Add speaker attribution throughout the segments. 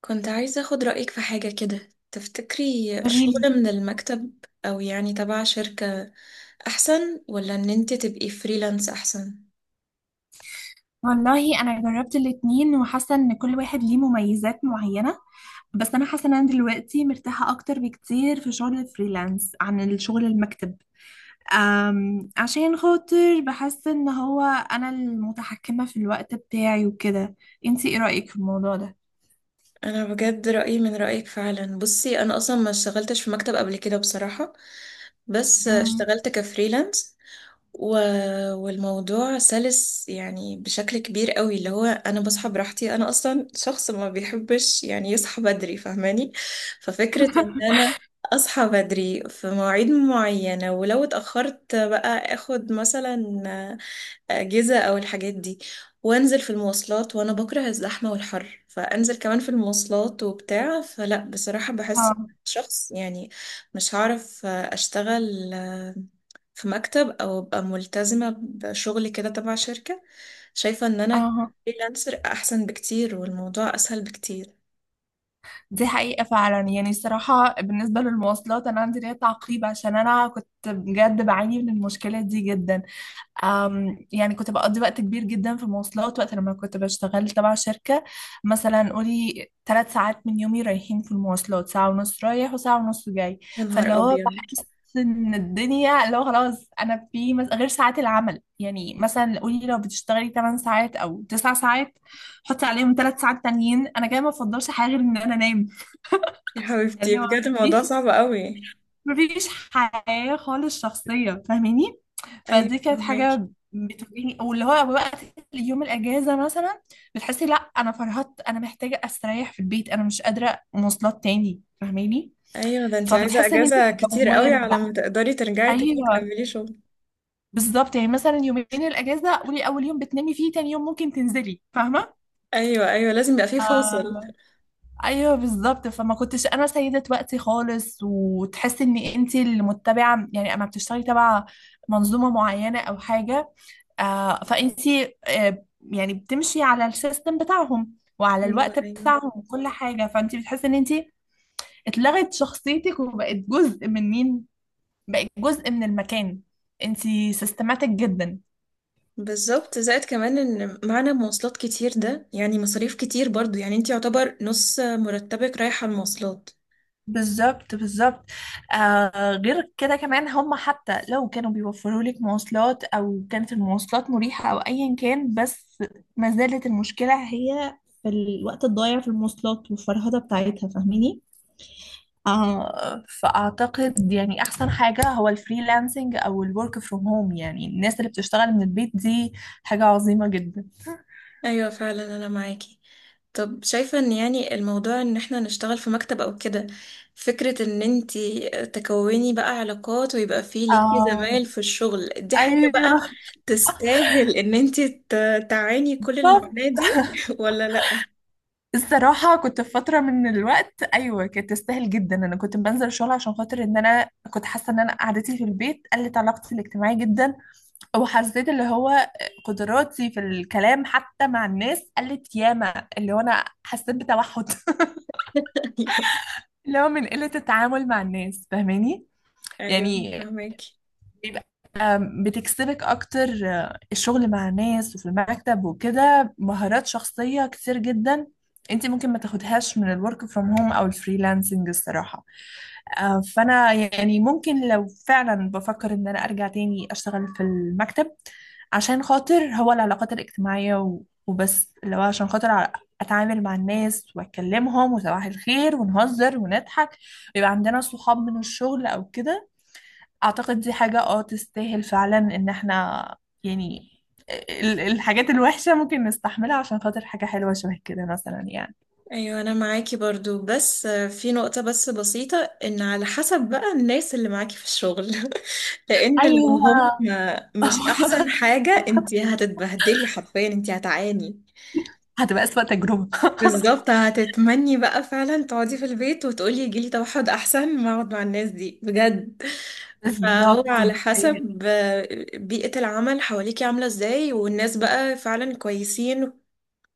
Speaker 1: كنت عايزة أخد رأيك في حاجة كده، تفتكري الشغل
Speaker 2: قوليلي.
Speaker 1: من المكتب أو يعني تبع شركة أحسن، ولا إن أنت تبقي فريلانس أحسن؟
Speaker 2: والله انا جربت الاتنين وحاسه ان كل واحد ليه مميزات معينه، بس انا حاسه ان انا دلوقتي مرتاحه اكتر بكتير في شغل الفريلانس عن الشغل المكتب. عشان خاطر بحس ان هو انا المتحكمه في الوقت بتاعي وكده. انتي ايه رايك في الموضوع ده؟
Speaker 1: أنا بجد رأيي من رأيك فعلا. بصي أنا أصلا ما اشتغلتش في مكتب قبل كده بصراحة، بس
Speaker 2: امم.
Speaker 1: اشتغلت كفريلانس و... والموضوع سلس بشكل كبير قوي، اللي هو انا بصحى براحتي، انا اصلا شخص ما بيحبش يصحى بدري، فاهماني؟ ففكرة ان انا اصحى بدري في مواعيد معينة، ولو اتأخرت بقى اخد مثلا أجهزة أو الحاجات دي، وأنزل في المواصلات، وأنا بكره الزحمة والحر، فأنزل كمان في المواصلات وبتاع، فلا بصراحة بحس
Speaker 2: اه.
Speaker 1: شخص يعني مش هعرف أشتغل في مكتب أو أبقى ملتزمة بشغل كده تبع شركة. شايفة إن أنا
Speaker 2: اه،
Speaker 1: فريلانسر أحسن بكتير، والموضوع أسهل بكتير.
Speaker 2: دي حقيقة فعلا. يعني الصراحة بالنسبة للمواصلات أنا عندي ليا تعقيب، عشان أنا كنت بجد بعاني من المشكلة دي جدا. يعني كنت بقضي وقت كبير جدا في المواصلات وقت لما كنت بشتغل تبع شركة. مثلا قولي 3 ساعات من يومي رايحين في المواصلات، ساعة ونص رايح وساعة ونص جاي.
Speaker 1: يا
Speaker 2: فاللي
Speaker 1: نهار
Speaker 2: هو
Speaker 1: أبيض،
Speaker 2: بحس ان الدنيا لو خلاص انا في غير ساعات العمل، يعني مثلا قولي لو بتشتغلي 8 ساعات او 9 ساعات، حطي عليهم 3 ساعات تانيين، انا كده ما بفضلش حاجة غير ان انا انام.
Speaker 1: يا حبيبتي
Speaker 2: اللي هو
Speaker 1: بجد الموضوع صعب قوي.
Speaker 2: مفيش حياة خالص شخصية، فاهماني؟
Speaker 1: أيوة
Speaker 2: فدي كانت
Speaker 1: فهماكي.
Speaker 2: حاجة بتواجهني، او اللي هو وقت يوم الاجازة مثلا بتحسي لا انا فرهدت، انا محتاجة استريح في البيت، انا مش قادرة مواصلات تاني، فاهماني؟
Speaker 1: أيوة، ده أنت عايزة
Speaker 2: فبتحسي ان انت في
Speaker 1: أجازة كتير
Speaker 2: دوامة
Speaker 1: قوي على
Speaker 2: بقى.
Speaker 1: ما تقدري ترجعي تاني
Speaker 2: ايوه
Speaker 1: تكملي شغل.
Speaker 2: بالظبط. يعني مثلا يومين الاجازة قولي اول يوم بتنامي فيه، تاني يوم ممكن تنزلي، فاهمة؟
Speaker 1: ايوه ايوه، لازم يبقى فيه فاصل.
Speaker 2: آه، ايوه بالظبط. فما كنتش انا سيده وقتي خالص، وتحسي ان انت اللي متبعه، يعني اما بتشتغلي تبع منظومه معينه او حاجه، آه فانت آه يعني بتمشي على السيستم بتاعهم وعلى
Speaker 1: ايوه
Speaker 2: الوقت
Speaker 1: ايوه
Speaker 2: بتاعهم وكل حاجه، فانت بتحسي ان انت اتلغت شخصيتك وبقت جزء من مين، بقت جزء من المكان. انت سيستماتيك جدا.
Speaker 1: بالظبط، زائد كمان ان معنا مواصلات كتير، ده يعني مصاريف كتير برضو، يعني انت يعتبر نص مرتبك رايح على المواصلات.
Speaker 2: بالظبط بالظبط. غير كده كمان هم حتى لو كانوا بيوفروا لك مواصلات او كانت المواصلات مريحة او ايا كان، بس ما زالت المشكلة هي في الوقت الضايع في المواصلات والفرهدة بتاعتها، فاهميني؟ فاعتقد يعني احسن حاجة هو الفريلانسنج او الورك فروم هوم، يعني الناس اللي بتشتغل من البيت دي حاجة عظيمة جدا.
Speaker 1: ايوه فعلا انا معاكي. طب شايفة ان يعني الموضوع ان احنا نشتغل في مكتب او كده، فكرة ان انت تكوني بقى علاقات ويبقى فيه ليكي
Speaker 2: آه.
Speaker 1: زمايل في الشغل، دي حاجة
Speaker 2: ايوه.
Speaker 1: بقى تستاهل ان انت تعاني كل المعاناة دي؟ ولا لا؟
Speaker 2: الصراحة كنت في فترة من الوقت أيوة كانت تستاهل جدا. أنا كنت بنزل الشغل عشان خاطر إن أنا كنت حاسة إن أنا قعدتي في البيت قلت علاقتي الاجتماعية جدا، وحسيت اللي هو قدراتي في الكلام حتى مع الناس قلت ياما، اللي هو أنا حسيت بتوحد.
Speaker 1: ايوه
Speaker 2: اللي هو من قلة التعامل مع الناس، فاهماني؟
Speaker 1: ايوه
Speaker 2: يعني
Speaker 1: فهمك.
Speaker 2: بيبقى بتكسبك اكتر الشغل مع الناس وفي المكتب وكده مهارات شخصية كتير جدا، انت ممكن ما تاخدهاش من الورك فروم هوم او الفريلانسنج الصراحة. فانا يعني ممكن لو فعلا بفكر ان انا ارجع تاني اشتغل في المكتب، عشان خاطر هو العلاقات الاجتماعية وبس لو عشان خاطر اتعامل مع الناس واتكلمهم وصباح الخير ونهزر ونضحك، ويبقى عندنا صحاب من الشغل او كده. اعتقد دي حاجة اه تستاهل فعلا ان احنا يعني الحاجات الوحشة ممكن نستحملها عشان خاطر حاجة حلوة شبه كده مثلا يعني.
Speaker 1: ايوه انا معاكي برضو، بس في نقطة بس بسيطة، ان على حسب بقى الناس اللي معاكي في الشغل. لان لو هم
Speaker 2: ايوه.
Speaker 1: مش احسن حاجة انتي هتتبهدلي حرفيا، انتي هتعاني.
Speaker 2: هتبقى أسوأ تجربة.
Speaker 1: بالظبط، هتتمني بقى فعلا تقعدي في البيت وتقولي يجيلي توحد احسن ما اقعد مع الناس دي بجد. فهو
Speaker 2: بالظبط
Speaker 1: على
Speaker 2: دي حقيقة.
Speaker 1: حسب بيئة العمل حواليكي عاملة ازاي، والناس بقى فعلا كويسين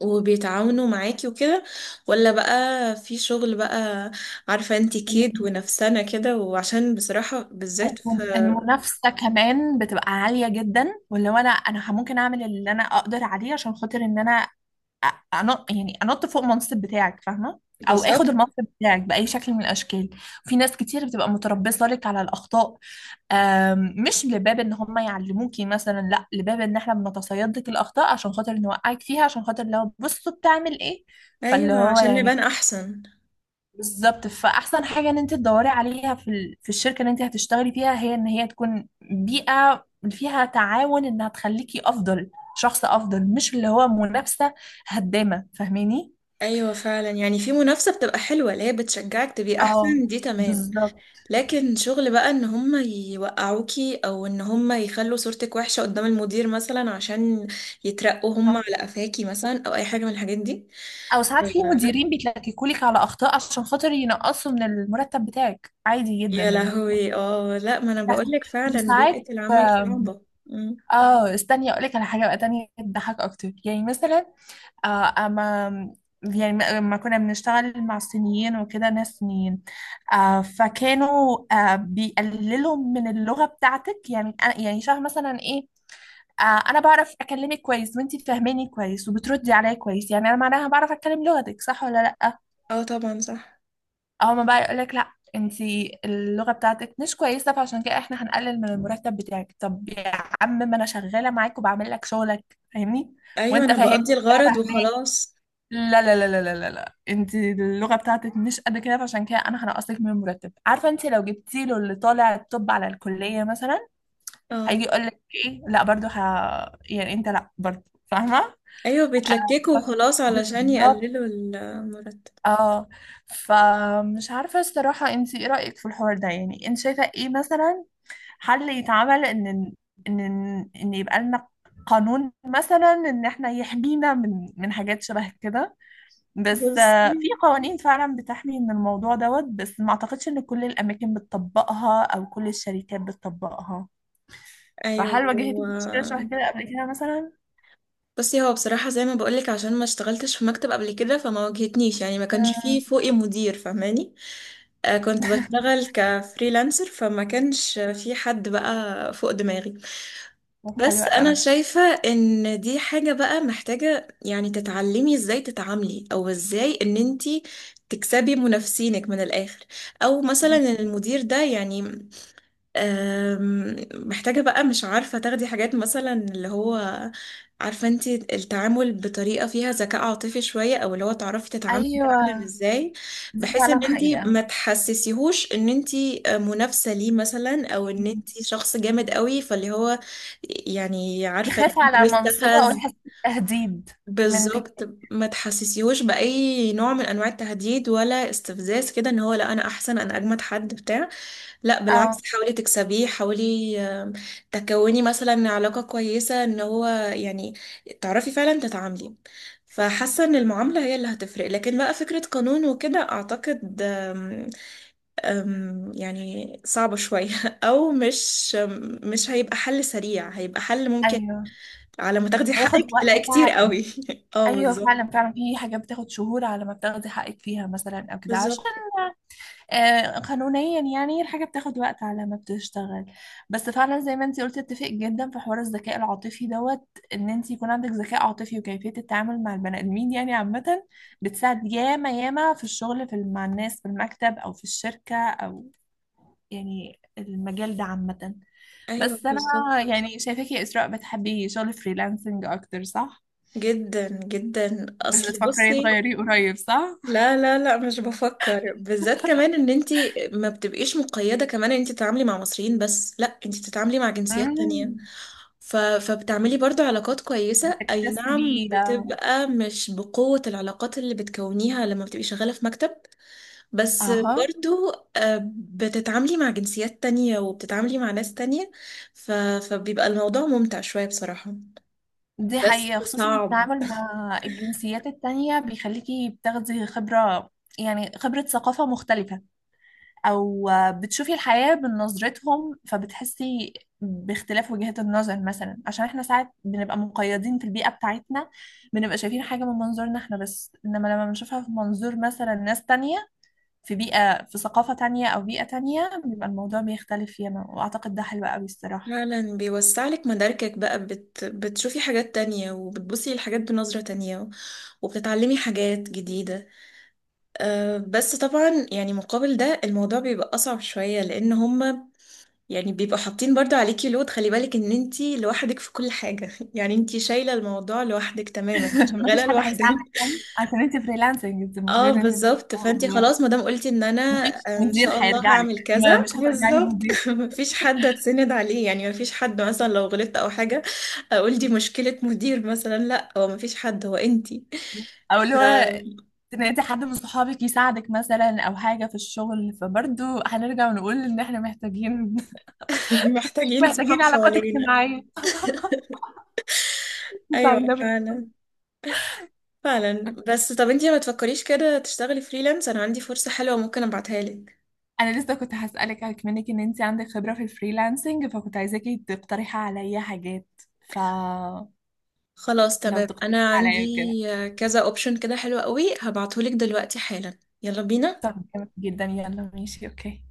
Speaker 1: وبيتعاونوا معاكي وكده، ولا بقى في شغل بقى، عارفة انتي كيد
Speaker 2: ال-
Speaker 1: ونفسنا كده. وعشان بصراحة بالذات في،
Speaker 2: المنافسة كمان بتبقى عالية جدا، واللي هو انا ممكن اعمل اللي انا اقدر عليه عشان خاطر ان انا أ- أنط، يعني أنط فوق المنصب بتاعك، فاهمة؟ أو آخد
Speaker 1: بالظبط.
Speaker 2: المنصب بتاعك بأي شكل من الأشكال. في ناس كتير بتبقى متربصة لك على الأخطاء. مش لباب إن هم يعلموكي مثلا، لا، لباب إن إحنا بنتصيد لك الأخطاء عشان خاطر نوقعك فيها، عشان خاطر لو بصوا بتعمل إيه. فاللي
Speaker 1: ايوه
Speaker 2: هو
Speaker 1: عشان نبان
Speaker 2: يعني
Speaker 1: احسن.
Speaker 2: بالظبط. فأحسن حاجة إن أنت تدوري عليها في في الشركة اللي أنت هتشتغلي فيها، هي إن هي تكون بيئة فيها تعاون، إنها تخليكي أفضل، شخص أفضل، مش اللي هو منافسة هدامة، فاهماني؟
Speaker 1: ايوه فعلا، يعني في منافسة بتبقى حلوة اللي هي بتشجعك تبقي
Speaker 2: اه
Speaker 1: احسن، دي تمام.
Speaker 2: بالظبط.
Speaker 1: لكن شغل بقى ان هم يوقعوكي، او ان هم يخلوا صورتك وحشة قدام المدير مثلا عشان يترقوا هم
Speaker 2: اه،
Speaker 1: على قفاكي مثلا، او اي حاجة من الحاجات دي،
Speaker 2: او ساعات في مديرين بيتلككولك على اخطاء عشان خاطر ينقصوا من المرتب بتاعك، عادي جدا
Speaker 1: يا
Speaker 2: يعني.
Speaker 1: لهوي. اه لا، ما انا
Speaker 2: بتحصل.
Speaker 1: بقولك فعلا
Speaker 2: وساعات
Speaker 1: بيئة العمل
Speaker 2: آم،
Speaker 1: صعبة.
Speaker 2: اه استني اقول لك على حاجه بقى تانية تضحك اكتر. يعني مثلا اما يعني لما كنا بنشتغل مع الصينيين وكده ناس صينيين، آه فكانوا آه بيقللوا من اللغه بتاعتك. يعني يعني شبه مثلا ايه، انا بعرف اكلمك كويس وانتي فاهماني كويس وبتردي عليا كويس، يعني انا معناها بعرف اتكلم لغتك صح ولا لا؟
Speaker 1: اه طبعا صح.
Speaker 2: او ما بقى يقولك لا انتي اللغه بتاعتك مش كويسه، فعشان كده احنا هنقلل من المرتب بتاعك. طب يا عم ما انا شغاله معاك وبعمل لك شغلك، فاهمني؟
Speaker 1: ايوه
Speaker 2: وانت
Speaker 1: انا
Speaker 2: فاهمني،
Speaker 1: بقضي
Speaker 2: انا
Speaker 1: الغرض
Speaker 2: فاهماك.
Speaker 1: وخلاص.
Speaker 2: لا لا لا لا لا لا لا، انتي اللغه بتاعتك مش قد كده فعشان كده انا هنقصك من المرتب. عارفه، انتي لو جبتي له اللي طالع الطب على الكليه مثلا، هيجي
Speaker 1: اه
Speaker 2: يقول لك ايه، لا برضه يعني انت، لا برضه فاهمه.
Speaker 1: ايوه بيتلككوا
Speaker 2: آه،
Speaker 1: وخلاص علشان
Speaker 2: بالظبط.
Speaker 1: يقللوا المرتب.
Speaker 2: اه، فمش عارفة الصراحة انت ايه رأيك في الحوار ده، يعني انت شايفة ايه مثلا حل يتعمل، ان ان ان إن يبقى لنا قانون مثلا ان احنا يحمينا من حاجات شبه كده. بس
Speaker 1: بصي،
Speaker 2: في قوانين فعلا بتحمي من الموضوع دوت، بس ما اعتقدش ان كل الاماكن بتطبقها او كل الشركات بتطبقها.
Speaker 1: ايوه
Speaker 2: فهل
Speaker 1: هو،
Speaker 2: واجهتي مشكلة شبه كده قبل كده مثلا؟
Speaker 1: بصي هو بصراحة زي ما بقولك، عشان ما اشتغلتش في مكتب قبل كده فما واجهتنيش، يعني ما كانش فيه
Speaker 2: مم.
Speaker 1: فوقي مدير فاهماني. آه كنت بشتغل كفريلانسر، فما كانش في حد بقى فوق دماغي.
Speaker 2: طب حلوة
Speaker 1: بس انا
Speaker 2: قوي.
Speaker 1: شايفة ان دي حاجة بقى محتاجة يعني تتعلمي ازاي تتعاملي، او ازاي ان انتي تكسبي منافسينك من الاخر، او مثلا المدير ده يعني محتاجة بقى، مش عارفة، تاخدي حاجات مثلا اللي هو، عارفة انتي التعامل بطريقة فيها ذكاء عاطفي شوية، او اللي هو تعرفي تتعاملي
Speaker 2: ايوه،
Speaker 1: فعلا ازاي،
Speaker 2: دي
Speaker 1: بحيث ان
Speaker 2: فعلا
Speaker 1: انتي
Speaker 2: حقيقة.
Speaker 1: ما تحسسيهوش ان انتي منافسة ليه مثلا، او ان انتي شخص جامد قوي، فاللي هو يعني عارفة
Speaker 2: يخاف
Speaker 1: انتي
Speaker 2: على منصبه أو
Speaker 1: يستفز.
Speaker 2: يحس بتهديد. من
Speaker 1: بالظبط،
Speaker 2: تك-
Speaker 1: ما تحسسيهوش بأي نوع من انواع التهديد ولا استفزاز كده، ان هو لا انا احسن، انا اجمد حد بتاع. لا بالعكس،
Speaker 2: اه.
Speaker 1: حاولي تكسبيه، حاولي تكوني مثلا علاقة كويسة، ان هو يعني تعرفي فعلا تتعاملي. فحاسة ان المعاملة هي اللي هتفرق، لكن بقى فكرة قانون وكده اعتقد آم، آم، يعني صعبة شوية. او مش مش هيبقى حل سريع، هيبقى حل ممكن
Speaker 2: أيوه
Speaker 1: على ما تاخدي
Speaker 2: هياخد
Speaker 1: حقك تلاقي
Speaker 2: وقت
Speaker 1: كتير
Speaker 2: فعلا.
Speaker 1: قوي. اه
Speaker 2: أيوه
Speaker 1: بالظبط.
Speaker 2: فعلا فعلا، في حاجات بتاخد شهور على ما بتاخدي حقك فيها مثلا أو كده، عشان
Speaker 1: بالظبط
Speaker 2: قانونيا يعني الحاجة بتاخد وقت على ما بتشتغل. بس فعلا زي ما انتي قلتي، اتفق جدا في حوار الذكاء العاطفي دوت، إن انتي يكون عندك ذكاء عاطفي وكيفية التعامل مع البني آدمين يعني عامة، بتساعد ياما ياما في الشغل في مع الناس في المكتب أو في الشركة، أو يعني المجال ده عامة.
Speaker 1: ايوه
Speaker 2: بس أنا
Speaker 1: بالظبط.
Speaker 2: يعني شايفاكي يا إسراء بتحبي شغل فريلانسنج أكتر، صح؟
Speaker 1: جدا جدا،
Speaker 2: مش
Speaker 1: اصل
Speaker 2: بتفكري
Speaker 1: بصي،
Speaker 2: تغيريه قريب، صح؟
Speaker 1: لا لا لا مش بفكر، بالذات كمان ان انتي ما بتبقيش مقيدة، كمان ان انتي تتعاملي مع مصريين بس، لا انتي بتتعاملي مع جنسيات تانية
Speaker 2: امم.
Speaker 1: فبتعملي برضو علاقات كويسة، اي نعم
Speaker 2: بتكتسبي.
Speaker 1: بتبقى مش بقوة العلاقات اللي بتكونيها لما بتبقي شغالة في مكتب، بس
Speaker 2: أها.
Speaker 1: برضو بتتعاملي مع جنسيات تانية وبتتعاملي مع ناس تانية ف... فبيبقى الموضوع ممتع شوية بصراحة،
Speaker 2: دي
Speaker 1: بس
Speaker 2: حقيقة، خصوصا
Speaker 1: صعب.
Speaker 2: التعامل مع الجنسيات التانية بيخليكي بتاخدي خبرة، يعني خبرة ثقافة مختلفة، او بتشوفي الحياة بنظرتهم، فبتحسي باختلاف وجهات النظر مثلا. عشان احنا ساعات بنبقى مقيدين في البيئة بتاعتنا، بنبقى شايفين حاجة من منظورنا احنا بس، انما لما بنشوفها في منظور مثلا ناس تانية في بيئة في ثقافة تانية او بيئة تانية، بيبقى الموضوع بيختلف فيما، واعتقد ده حلو قوي الصراحة.
Speaker 1: فعلا بيوسع لك مداركك بقى، بتشوفي حاجات تانية، وبتبصي للحاجات بنظرة تانية، وبتتعلمي حاجات جديدة. أه بس طبعا يعني مقابل ده الموضوع بيبقى أصعب شوية، لأن هما يعني بيبقوا حاطين برضو عليكي لود، خلي بالك إن انتي لوحدك في كل حاجة. يعني انتي شايلة الموضوع لوحدك تماما،
Speaker 2: مفيش
Speaker 1: شغالة
Speaker 2: حد
Speaker 1: لوحدك.
Speaker 2: هيساعدك قوي عشان انت فريلانسنج، انت
Speaker 1: اه
Speaker 2: المفروض انت،
Speaker 1: بالظبط، فانتي خلاص ما دام قلتي ان انا
Speaker 2: مفيش
Speaker 1: ان
Speaker 2: مدير
Speaker 1: شاء الله
Speaker 2: هيرجع لك.
Speaker 1: هعمل كذا،
Speaker 2: مش هترجعي
Speaker 1: بالظبط.
Speaker 2: لمدير،
Speaker 1: مفيش حد هتسند عليه، يعني مفيش حد مثلا لو غلطت او حاجه اقول دي مشكله مدير مثلا، لا هو مفيش حد، هو انتي.
Speaker 2: او اللي هو تنادي حد من صحابك يساعدك مثلا او حاجه في الشغل. فبرضه هنرجع ونقول ان احنا محتاجين،
Speaker 1: محتاجين
Speaker 2: محتاجين
Speaker 1: صحاب
Speaker 2: علاقات
Speaker 1: حوالينا.
Speaker 2: اجتماعيه
Speaker 1: ايوه
Speaker 2: تساعدنا في الشغل.
Speaker 1: فعلا فعلا. بس طب انتي ما تفكريش كده تشتغلي فريلانس؟ انا عندي فرصه حلوه ممكن ابعتها لك.
Speaker 2: انا لسه كنت هسالك منك، ان انت عندك خبره في الفريلانسنج، فكنت عايزاكي تقترحي عليا حاجات، فلو
Speaker 1: خلاص تمام،
Speaker 2: تقترحي
Speaker 1: انا عندي
Speaker 2: عليا كده.
Speaker 1: كذا اوبشن كده حلو قوي، هبعتهولك دلوقتي حالا، يلا بينا.
Speaker 2: طب جامد جدا. يلا ماشي، اوكي.